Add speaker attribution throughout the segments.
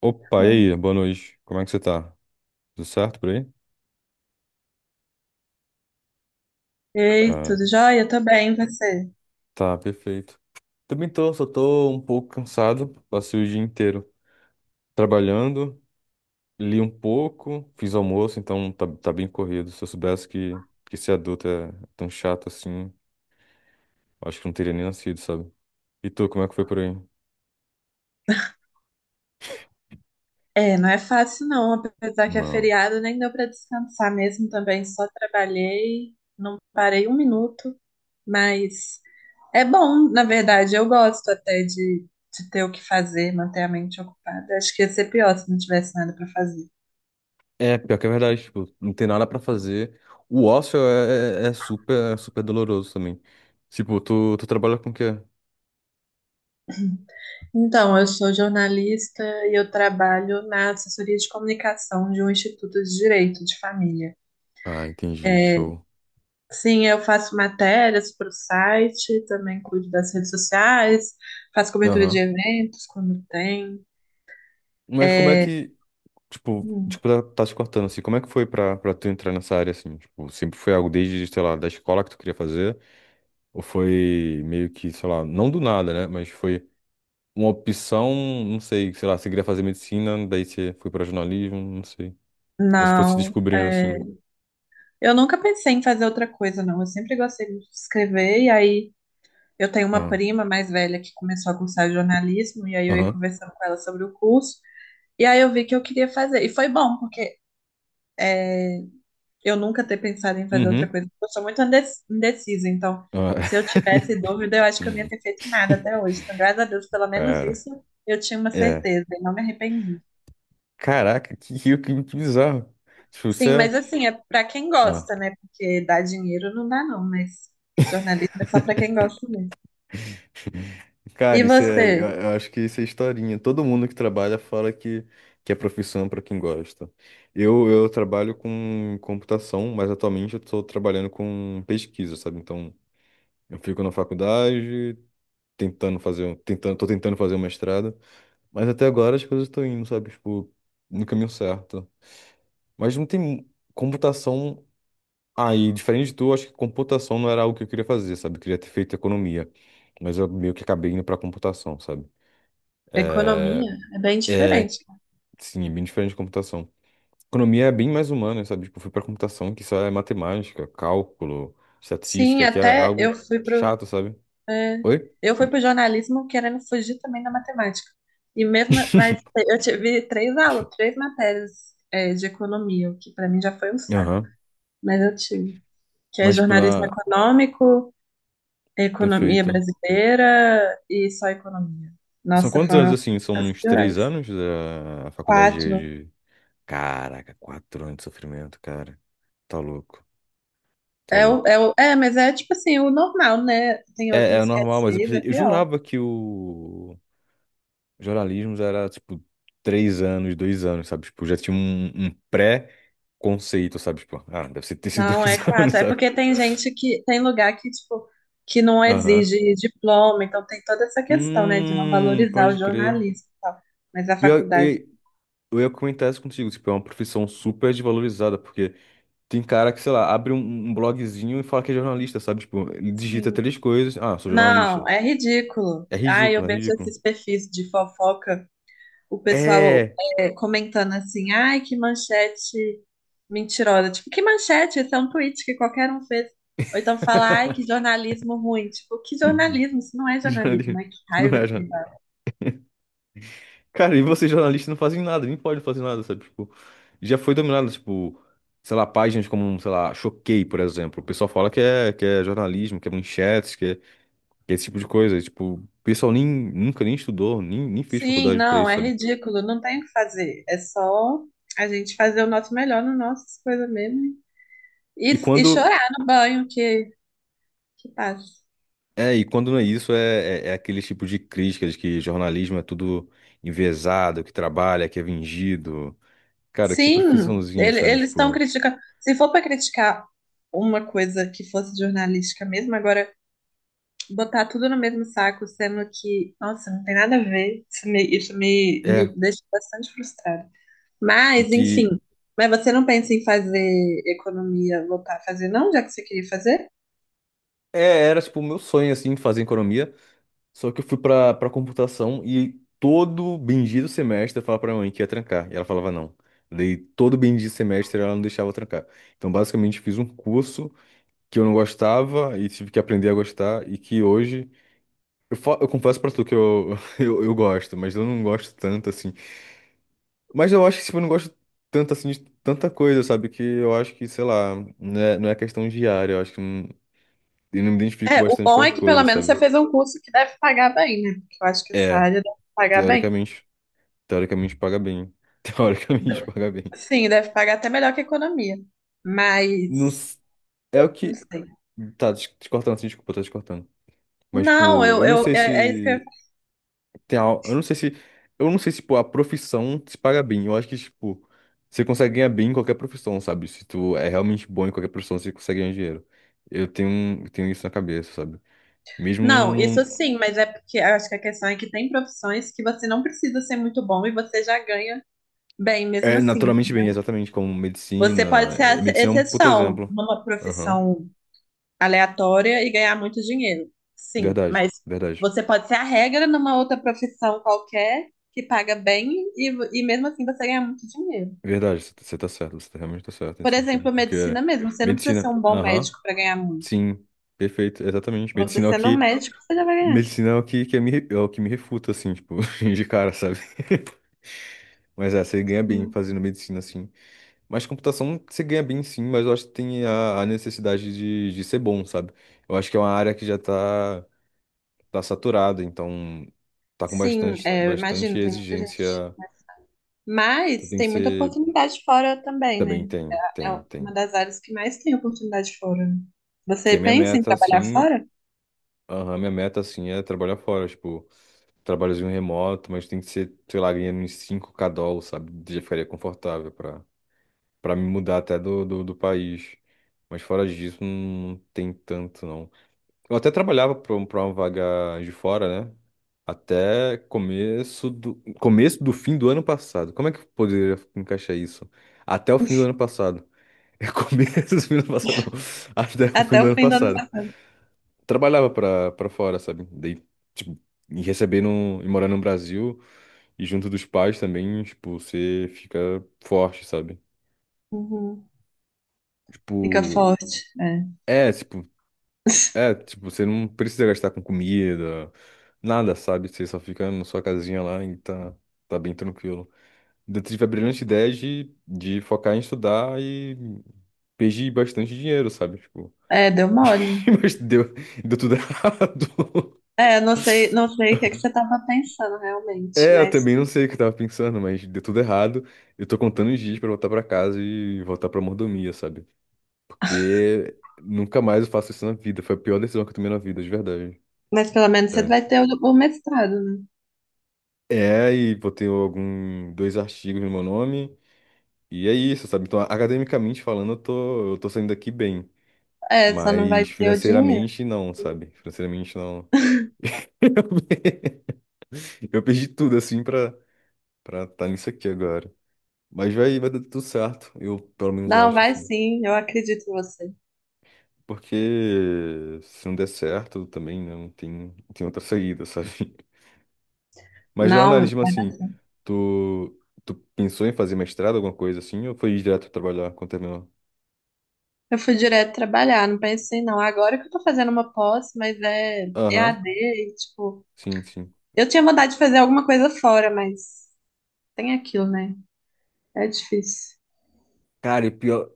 Speaker 1: Opa, e
Speaker 2: Bom.
Speaker 1: aí? Boa noite. Como é que você tá? Tudo certo por aí?
Speaker 2: Ei,
Speaker 1: Ah,
Speaker 2: tudo jóia? Tô bem, e você?
Speaker 1: tá, perfeito. Também tô, só tô um pouco cansado. Passei o dia inteiro trabalhando, li um pouco, fiz almoço, então tá, tá bem corrido. Se eu soubesse que ser adulto é tão chato assim, acho que não teria nem nascido, sabe? E tu, como é que foi por aí?
Speaker 2: É, não é fácil não, apesar que é
Speaker 1: Não.
Speaker 2: feriado, nem deu pra descansar mesmo também, só trabalhei, não parei um minuto, mas é bom, na verdade, eu gosto até de ter o que fazer, manter a mente ocupada. Acho que ia ser pior se não tivesse nada pra fazer.
Speaker 1: É, pior que é verdade, tipo, não tem nada pra fazer. O ócio é super, é super doloroso também. Tipo, tu trabalha com o quê?
Speaker 2: Então, eu sou jornalista e eu trabalho na assessoria de comunicação de um instituto de direito de família.
Speaker 1: Ah, entendi, show.
Speaker 2: Sim, eu faço matérias para o site, também cuido das redes sociais, faço cobertura de
Speaker 1: Aham.
Speaker 2: eventos quando tem.
Speaker 1: Mas como é
Speaker 2: É,
Speaker 1: que, tipo,
Speaker 2: hum,
Speaker 1: desculpa tá se cortando, assim, como é que foi pra tu entrar nessa área, assim? Tipo, sempre foi algo desde, sei lá, da escola que tu queria fazer? Ou foi meio que, sei lá, não do nada, né? Mas foi uma opção, não sei, sei lá, você queria fazer medicina, daí você foi pra jornalismo, não sei. Ou você foi se
Speaker 2: não,
Speaker 1: descobrindo,
Speaker 2: é,
Speaker 1: assim.
Speaker 2: eu nunca pensei em fazer outra coisa, não. Eu sempre gostei muito de escrever, e aí eu tenho uma
Speaker 1: Ah.
Speaker 2: prima mais velha que começou a cursar jornalismo, e aí eu ia
Speaker 1: Aham.
Speaker 2: conversando com ela sobre o curso, e aí eu vi que eu queria fazer. E foi bom, porque eu nunca ter pensado em fazer outra
Speaker 1: Uhum.
Speaker 2: coisa. Eu sou muito indecisa, então
Speaker 1: Ah,
Speaker 2: se eu tivesse dúvida, eu acho que eu não ia ter feito nada até hoje. Então, graças a Deus, pelo menos
Speaker 1: Cara,
Speaker 2: isso eu tinha uma
Speaker 1: é.
Speaker 2: certeza e não me arrependi.
Speaker 1: Caraca, que bizarro. Tipo, você
Speaker 2: Sim, mas
Speaker 1: é.
Speaker 2: assim, é para quem
Speaker 1: Ah,
Speaker 2: gosta, né? Porque dar dinheiro não dá, não, mas jornalismo é só para quem gosta mesmo.
Speaker 1: cara,
Speaker 2: E
Speaker 1: isso é, eu
Speaker 2: você?
Speaker 1: eu acho que isso é historinha. Todo mundo que trabalha fala que é profissão para quem gosta. Eu trabalho com computação, mas atualmente eu estou trabalhando com pesquisa, sabe? Então, eu fico na faculdade, tentando fazer, tô tentando fazer um mestrado, mas até agora as coisas estão indo, sabe? Tipo, no caminho certo. Mas não tem computação aí, diferente de tu, acho que computação não era algo que eu queria fazer, sabe? Eu queria ter feito economia, mas eu meio que acabei indo para computação, sabe?
Speaker 2: Economia é bem diferente.
Speaker 1: Sim, é bem diferente de computação. Economia é bem mais humana, sabe? Tipo, eu fui pra computação, que só é matemática, cálculo,
Speaker 2: Sim,
Speaker 1: estatística, que é
Speaker 2: até eu
Speaker 1: algo
Speaker 2: fui para
Speaker 1: chato, sabe?
Speaker 2: é.
Speaker 1: Oi?
Speaker 2: Eu fui para o jornalismo querendo fugir também da matemática. E mesmo, mas eu tive três aulas, três matérias, é, de economia, o que para mim já foi um saco.
Speaker 1: Aham.
Speaker 2: Mas eu tive. Que é
Speaker 1: Mas, tipo,
Speaker 2: jornalismo
Speaker 1: na.
Speaker 2: econômico, economia
Speaker 1: Perfeito.
Speaker 2: brasileira e só economia.
Speaker 1: São
Speaker 2: Nossa,
Speaker 1: quantos anos,
Speaker 2: foram
Speaker 1: assim? São
Speaker 2: as
Speaker 1: uns três
Speaker 2: piores.
Speaker 1: anos da faculdade
Speaker 2: Quatro.
Speaker 1: de. De. Caraca, 4 anos de sofrimento, cara. Tá louco, tá louco.
Speaker 2: Mas é tipo assim, o normal, né? Tem
Speaker 1: É, é
Speaker 2: outros que é
Speaker 1: normal, mas eu,
Speaker 2: seis, é
Speaker 1: pensei- eu
Speaker 2: pior.
Speaker 1: jurava que o. Jornalismo já era, tipo, 3 anos, 2 anos, sabe? Tipo, já tinha um pré-conceito, sabe? Tipo, ah, deve ser ter sido
Speaker 2: Não,
Speaker 1: dois
Speaker 2: é
Speaker 1: anos,
Speaker 2: quatro. É
Speaker 1: sabe?
Speaker 2: porque tem gente que tem lugar que, tipo, que não
Speaker 1: Aham.
Speaker 2: exige diploma, então tem toda essa questão, né, de não valorizar o
Speaker 1: Pode crer.
Speaker 2: jornalismo e tal. Mas a
Speaker 1: Pior-
Speaker 2: faculdade,
Speaker 1: e- eu ia comentar isso contigo, tipo, é uma profissão super desvalorizada, porque tem cara que, sei lá, abre um blogzinho e fala que é jornalista, sabe? Tipo, ele digita
Speaker 2: sim.
Speaker 1: três coisas, ah, sou jornalista.
Speaker 2: Não, é ridículo.
Speaker 1: É
Speaker 2: Ai, eu
Speaker 1: ridículo, é
Speaker 2: vejo
Speaker 1: ridículo.
Speaker 2: esses perfis de fofoca, o pessoal
Speaker 1: É!
Speaker 2: comentando assim, ai, que manchete mentirosa. Tipo, que manchete? Isso é um tweet que qualquer um fez. Ou então fala, ai, que jornalismo ruim. Tipo, que jornalismo? Isso não é
Speaker 1: Que
Speaker 2: jornalismo,
Speaker 1: jornalista.
Speaker 2: ai, que
Speaker 1: Não
Speaker 2: raiva
Speaker 1: é.
Speaker 2: que me.
Speaker 1: Cara, e vocês jornalistas não fazem nada, nem podem fazer nada, sabe? Tipo, já foi dominado, tipo, sei lá, páginas como, sei lá, Choquei, por exemplo. O pessoal fala que é jornalismo, que é manchetes, que é esse tipo de coisa. E, tipo, o pessoal nem, nunca nem estudou, nem fez
Speaker 2: Sim,
Speaker 1: faculdade pra
Speaker 2: não,
Speaker 1: isso,
Speaker 2: é
Speaker 1: sabe?
Speaker 2: ridículo, não tem o que fazer. É só a gente fazer o nosso melhor nas nossas coisas mesmo e,
Speaker 1: E quando,
Speaker 2: chorar no banho que passa.
Speaker 1: é, e quando não é isso, é aquele tipo de crítica de que jornalismo é tudo enviesado, que trabalha, que é vingido. Cara, que
Speaker 2: Sim,
Speaker 1: profissãozinha, sabe?
Speaker 2: eles estão
Speaker 1: Tipo,
Speaker 2: criticando. Se for para criticar uma coisa que fosse jornalística mesmo, agora botar tudo no mesmo saco, sendo que, nossa, não tem nada a ver, isso me, me
Speaker 1: é,
Speaker 2: deixa bastante frustrada.
Speaker 1: e
Speaker 2: Mas, enfim,
Speaker 1: que...
Speaker 2: mas você não pensa em fazer economia, voltar a fazer, não, já que você queria fazer?
Speaker 1: É, era tipo o meu sonho assim fazer economia, só que eu fui pra computação e todo bendito semestre eu falava pra minha mãe que ia trancar. E ela falava não. Daí todo bendito semestre ela não deixava eu trancar. Então basicamente eu fiz um curso que eu não gostava e tive que aprender a gostar e que hoje. Eu, fa- eu confesso pra tu que eu, eu gosto, mas eu não gosto tanto assim. Mas eu acho que tipo, eu não gosto tanto assim de tanta coisa, sabe? Que eu acho que, sei lá, não é, não é questão diária. Eu acho que não- eu não me identifico
Speaker 2: É, o
Speaker 1: bastante com
Speaker 2: bom
Speaker 1: as
Speaker 2: é que pelo
Speaker 1: coisas,
Speaker 2: menos você
Speaker 1: sabe?
Speaker 2: fez um curso que deve pagar bem, né? Porque eu acho que essa
Speaker 1: É,
Speaker 2: área deve pagar bem.
Speaker 1: teoricamente. Teoricamente paga bem. Teoricamente paga bem.
Speaker 2: Sim, deve pagar até melhor que economia.
Speaker 1: Não,
Speaker 2: Mas,
Speaker 1: s- é o
Speaker 2: não
Speaker 1: que.
Speaker 2: sei.
Speaker 1: Tá, des- te cortando assim, desculpa, tá te cortando. Mas,
Speaker 2: Não,
Speaker 1: tipo,
Speaker 2: eu,
Speaker 1: eu não
Speaker 2: eu,
Speaker 1: sei
Speaker 2: é, é isso que eu...
Speaker 1: se. Tem al- eu não sei se. Eu não sei se, pô, a profissão se paga bem. Eu acho que, tipo, você consegue ganhar bem em qualquer profissão, sabe? Se tu é realmente bom em qualquer profissão, você consegue ganhar dinheiro. Eu tenho isso na cabeça, sabe?
Speaker 2: Não,
Speaker 1: Mesmo.
Speaker 2: isso sim, mas é porque eu acho que a questão é que tem profissões que você não precisa ser muito bom e você já ganha bem mesmo
Speaker 1: É,
Speaker 2: assim.
Speaker 1: naturalmente bem, exatamente, como
Speaker 2: Você
Speaker 1: medicina.
Speaker 2: pode ser a
Speaker 1: É, medicina é um puto
Speaker 2: exceção
Speaker 1: exemplo.
Speaker 2: numa
Speaker 1: Aham.
Speaker 2: profissão aleatória e ganhar muito dinheiro. Sim,
Speaker 1: Verdade,
Speaker 2: mas
Speaker 1: verdade.
Speaker 2: você pode ser a regra numa outra profissão qualquer que paga bem e mesmo assim você ganha muito dinheiro.
Speaker 1: Verdade, você tá certo, você tá- realmente tá certo nesse
Speaker 2: Por
Speaker 1: sentido.
Speaker 2: exemplo, a
Speaker 1: Porque
Speaker 2: medicina mesmo, você não precisa
Speaker 1: medicina,
Speaker 2: ser um bom
Speaker 1: aham,
Speaker 2: médico para ganhar muito.
Speaker 1: sim, perfeito, exatamente.
Speaker 2: Você
Speaker 1: Medicina é o
Speaker 2: sendo um
Speaker 1: que,
Speaker 2: médico, você já vai ganhar.
Speaker 1: medicina é o que, que me, é o que me refuta, assim, tipo, de cara, sabe? Mas é, você ganha bem
Speaker 2: Sim,
Speaker 1: fazendo medicina, assim. Mas computação você ganha bem, sim, mas eu acho que tem a necessidade de ser bom, sabe? Eu acho que é uma área que já tá, tá saturada, então tá com
Speaker 2: sim,
Speaker 1: bastante,
Speaker 2: é, eu imagino,
Speaker 1: bastante
Speaker 2: tem muita gente.
Speaker 1: exigência. Então
Speaker 2: Mas
Speaker 1: tem que
Speaker 2: tem muita
Speaker 1: ser.
Speaker 2: oportunidade fora também,
Speaker 1: Também
Speaker 2: né?
Speaker 1: tem,
Speaker 2: É
Speaker 1: tem,
Speaker 2: uma
Speaker 1: tem.
Speaker 2: das áreas que mais tem oportunidade fora. Né?
Speaker 1: Que
Speaker 2: Você
Speaker 1: a minha
Speaker 2: pensa em
Speaker 1: meta,
Speaker 2: trabalhar
Speaker 1: assim.
Speaker 2: fora?
Speaker 1: Aham, minha meta, assim, é trabalhar fora, tipo, trabalhozinho remoto, mas tem que ser, sei lá, ganhando uns 5k dólares, sabe? Já ficaria confortável pra, pra me mudar até do, do, do país. Mas fora disso, não tem tanto, não. Eu até trabalhava pra, um- pra uma vaga de fora, né? Até começo do fim do ano passado. Como é que eu poderia encaixar isso? Até o fim do ano passado. É começo do fim do ano passado, não. Até o fim
Speaker 2: Até
Speaker 1: do
Speaker 2: o
Speaker 1: ano
Speaker 2: fim do ano.
Speaker 1: passado trabalhava pra, pra fora, sabe? Daí, tipo, e recebendo e morando no Brasil e junto dos pais também, tipo, você fica forte, sabe?
Speaker 2: Uhum. Fica
Speaker 1: Tipo,
Speaker 2: forte, é.
Speaker 1: é, tipo, é, tipo, você não precisa gastar com comida, nada, sabe? Você só fica na sua casinha lá e tá, tá bem tranquilo. Então, eu tive a brilhante ideia de focar em estudar e perdi bastante dinheiro, sabe? Tipo,
Speaker 2: É, deu mole.
Speaker 1: mas deu, deu tudo errado.
Speaker 2: É, não sei, não sei o que é que você estava pensando realmente,
Speaker 1: É, eu também não sei o que eu tava pensando, mas deu tudo errado. Eu tô contando os dias pra voltar pra casa e voltar pra mordomia, sabe? Porque nunca mais eu faço isso na vida. Foi a pior decisão que eu tomei na vida, de verdade.
Speaker 2: mas pelo menos você
Speaker 1: Sério.
Speaker 2: vai ter o mestrado, né?
Speaker 1: É, e botei algum, dois artigos no meu nome. E é isso, sabe? Então, academicamente falando, eu tô saindo daqui bem.
Speaker 2: É, só não vai
Speaker 1: Mas
Speaker 2: ter o dinheiro.
Speaker 1: financeiramente, não, sabe? Financeiramente, não. Eu perdi tudo, assim, pra pra estar tá nisso aqui agora. Mas vai, vai dar tudo certo. Eu, pelo menos, eu
Speaker 2: Não,
Speaker 1: acho,
Speaker 2: vai
Speaker 1: assim.
Speaker 2: sim, eu acredito em você.
Speaker 1: Porque se não der certo também, né, não tem, não tem outra saída, sabe? Mas
Speaker 2: Não,
Speaker 1: jornalismo, assim, tu pensou em fazer mestrado, alguma coisa assim, ou foi direto trabalhar quando terminou?
Speaker 2: eu fui direto trabalhar, não pensei não. Agora que eu tô fazendo uma pós, mas é
Speaker 1: Aham,
Speaker 2: EAD, e, tipo,
Speaker 1: sim, sim.
Speaker 2: eu tinha vontade de fazer alguma coisa fora, mas tem aquilo, né? É difícil.
Speaker 1: Cara, e pior,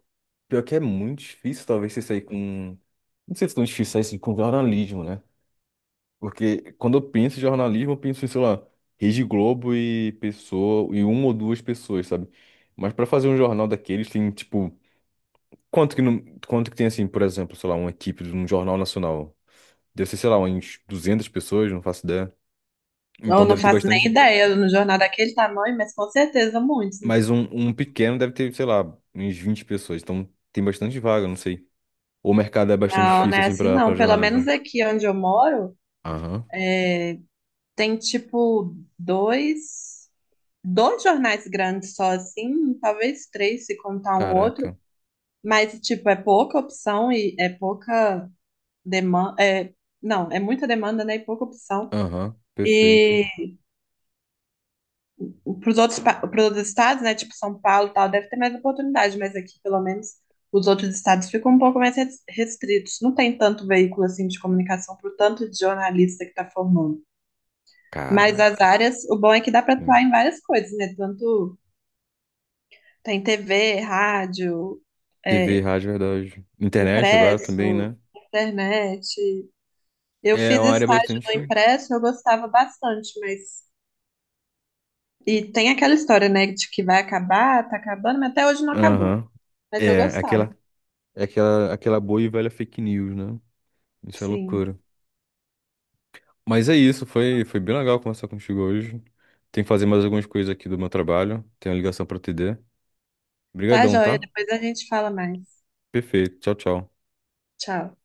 Speaker 1: pior que é muito difícil, talvez, você sair com. Não sei se é tão difícil sair assim, com jornalismo, né? Porque quando eu penso em jornalismo, eu penso em, sei lá, Rede Globo e pessoa, e uma ou duas pessoas, sabe? Mas pra fazer um jornal daqueles, tem, tipo. Quanto que, não, quanto que tem, assim, por exemplo, sei lá, uma equipe de um jornal nacional? Deve ser, sei lá, uns 200 pessoas, não faço ideia.
Speaker 2: Eu
Speaker 1: Então
Speaker 2: não
Speaker 1: deve ter
Speaker 2: faço nem
Speaker 1: bastante.
Speaker 2: ideia no jornal daquele tamanho, mas com certeza muitos, né?
Speaker 1: Mas um pequeno deve ter, sei lá, uns 20 pessoas. Então tem bastante vaga, não sei. O mercado é bastante
Speaker 2: Não, não
Speaker 1: difícil,
Speaker 2: é
Speaker 1: assim,
Speaker 2: assim
Speaker 1: pra, pra
Speaker 2: não. Pelo menos
Speaker 1: jornalismo.
Speaker 2: aqui onde eu moro,
Speaker 1: Aham.
Speaker 2: tem tipo dois jornais grandes só assim, talvez três se contar um outro,
Speaker 1: Caraca.
Speaker 2: mas tipo é pouca opção e é pouca demanda, é, não, é muita demanda, né, e pouca opção.
Speaker 1: Aham. Perfeito.
Speaker 2: E para os outros, pros outros estados, né, tipo São Paulo e tal, deve ter mais oportunidade, mas aqui pelo menos os outros estados ficam um pouco mais restritos. Não tem tanto veículo assim de comunicação para o tanto de jornalista que está formando. Mas as
Speaker 1: Caraca.
Speaker 2: áreas, o bom é que dá para
Speaker 1: Hum.
Speaker 2: atuar em várias coisas, né? Tanto tem TV, rádio,
Speaker 1: TV,
Speaker 2: é,
Speaker 1: rádio, verdade. Internet agora também,
Speaker 2: impresso,
Speaker 1: né?
Speaker 2: internet. Eu
Speaker 1: É
Speaker 2: fiz
Speaker 1: uma área
Speaker 2: estágio no
Speaker 1: bastante.
Speaker 2: impresso, eu gostava bastante, mas. E tem aquela história, né, de que vai acabar, tá acabando, mas até hoje não acabou.
Speaker 1: Aham.
Speaker 2: Mas eu
Speaker 1: É,
Speaker 2: gostava,
Speaker 1: aquela, é aquela, aquela boa e velha fake news, né? Isso é
Speaker 2: sim.
Speaker 1: loucura. Mas é isso, foi, foi bem legal conversar contigo hoje. Tem que fazer mais algumas coisas aqui do meu trabalho. Tem uma ligação para TD.
Speaker 2: Tá,
Speaker 1: Obrigadão,
Speaker 2: joia?
Speaker 1: tá?
Speaker 2: Depois a gente fala mais.
Speaker 1: Perfeito. Tchau, tchau.
Speaker 2: Tchau.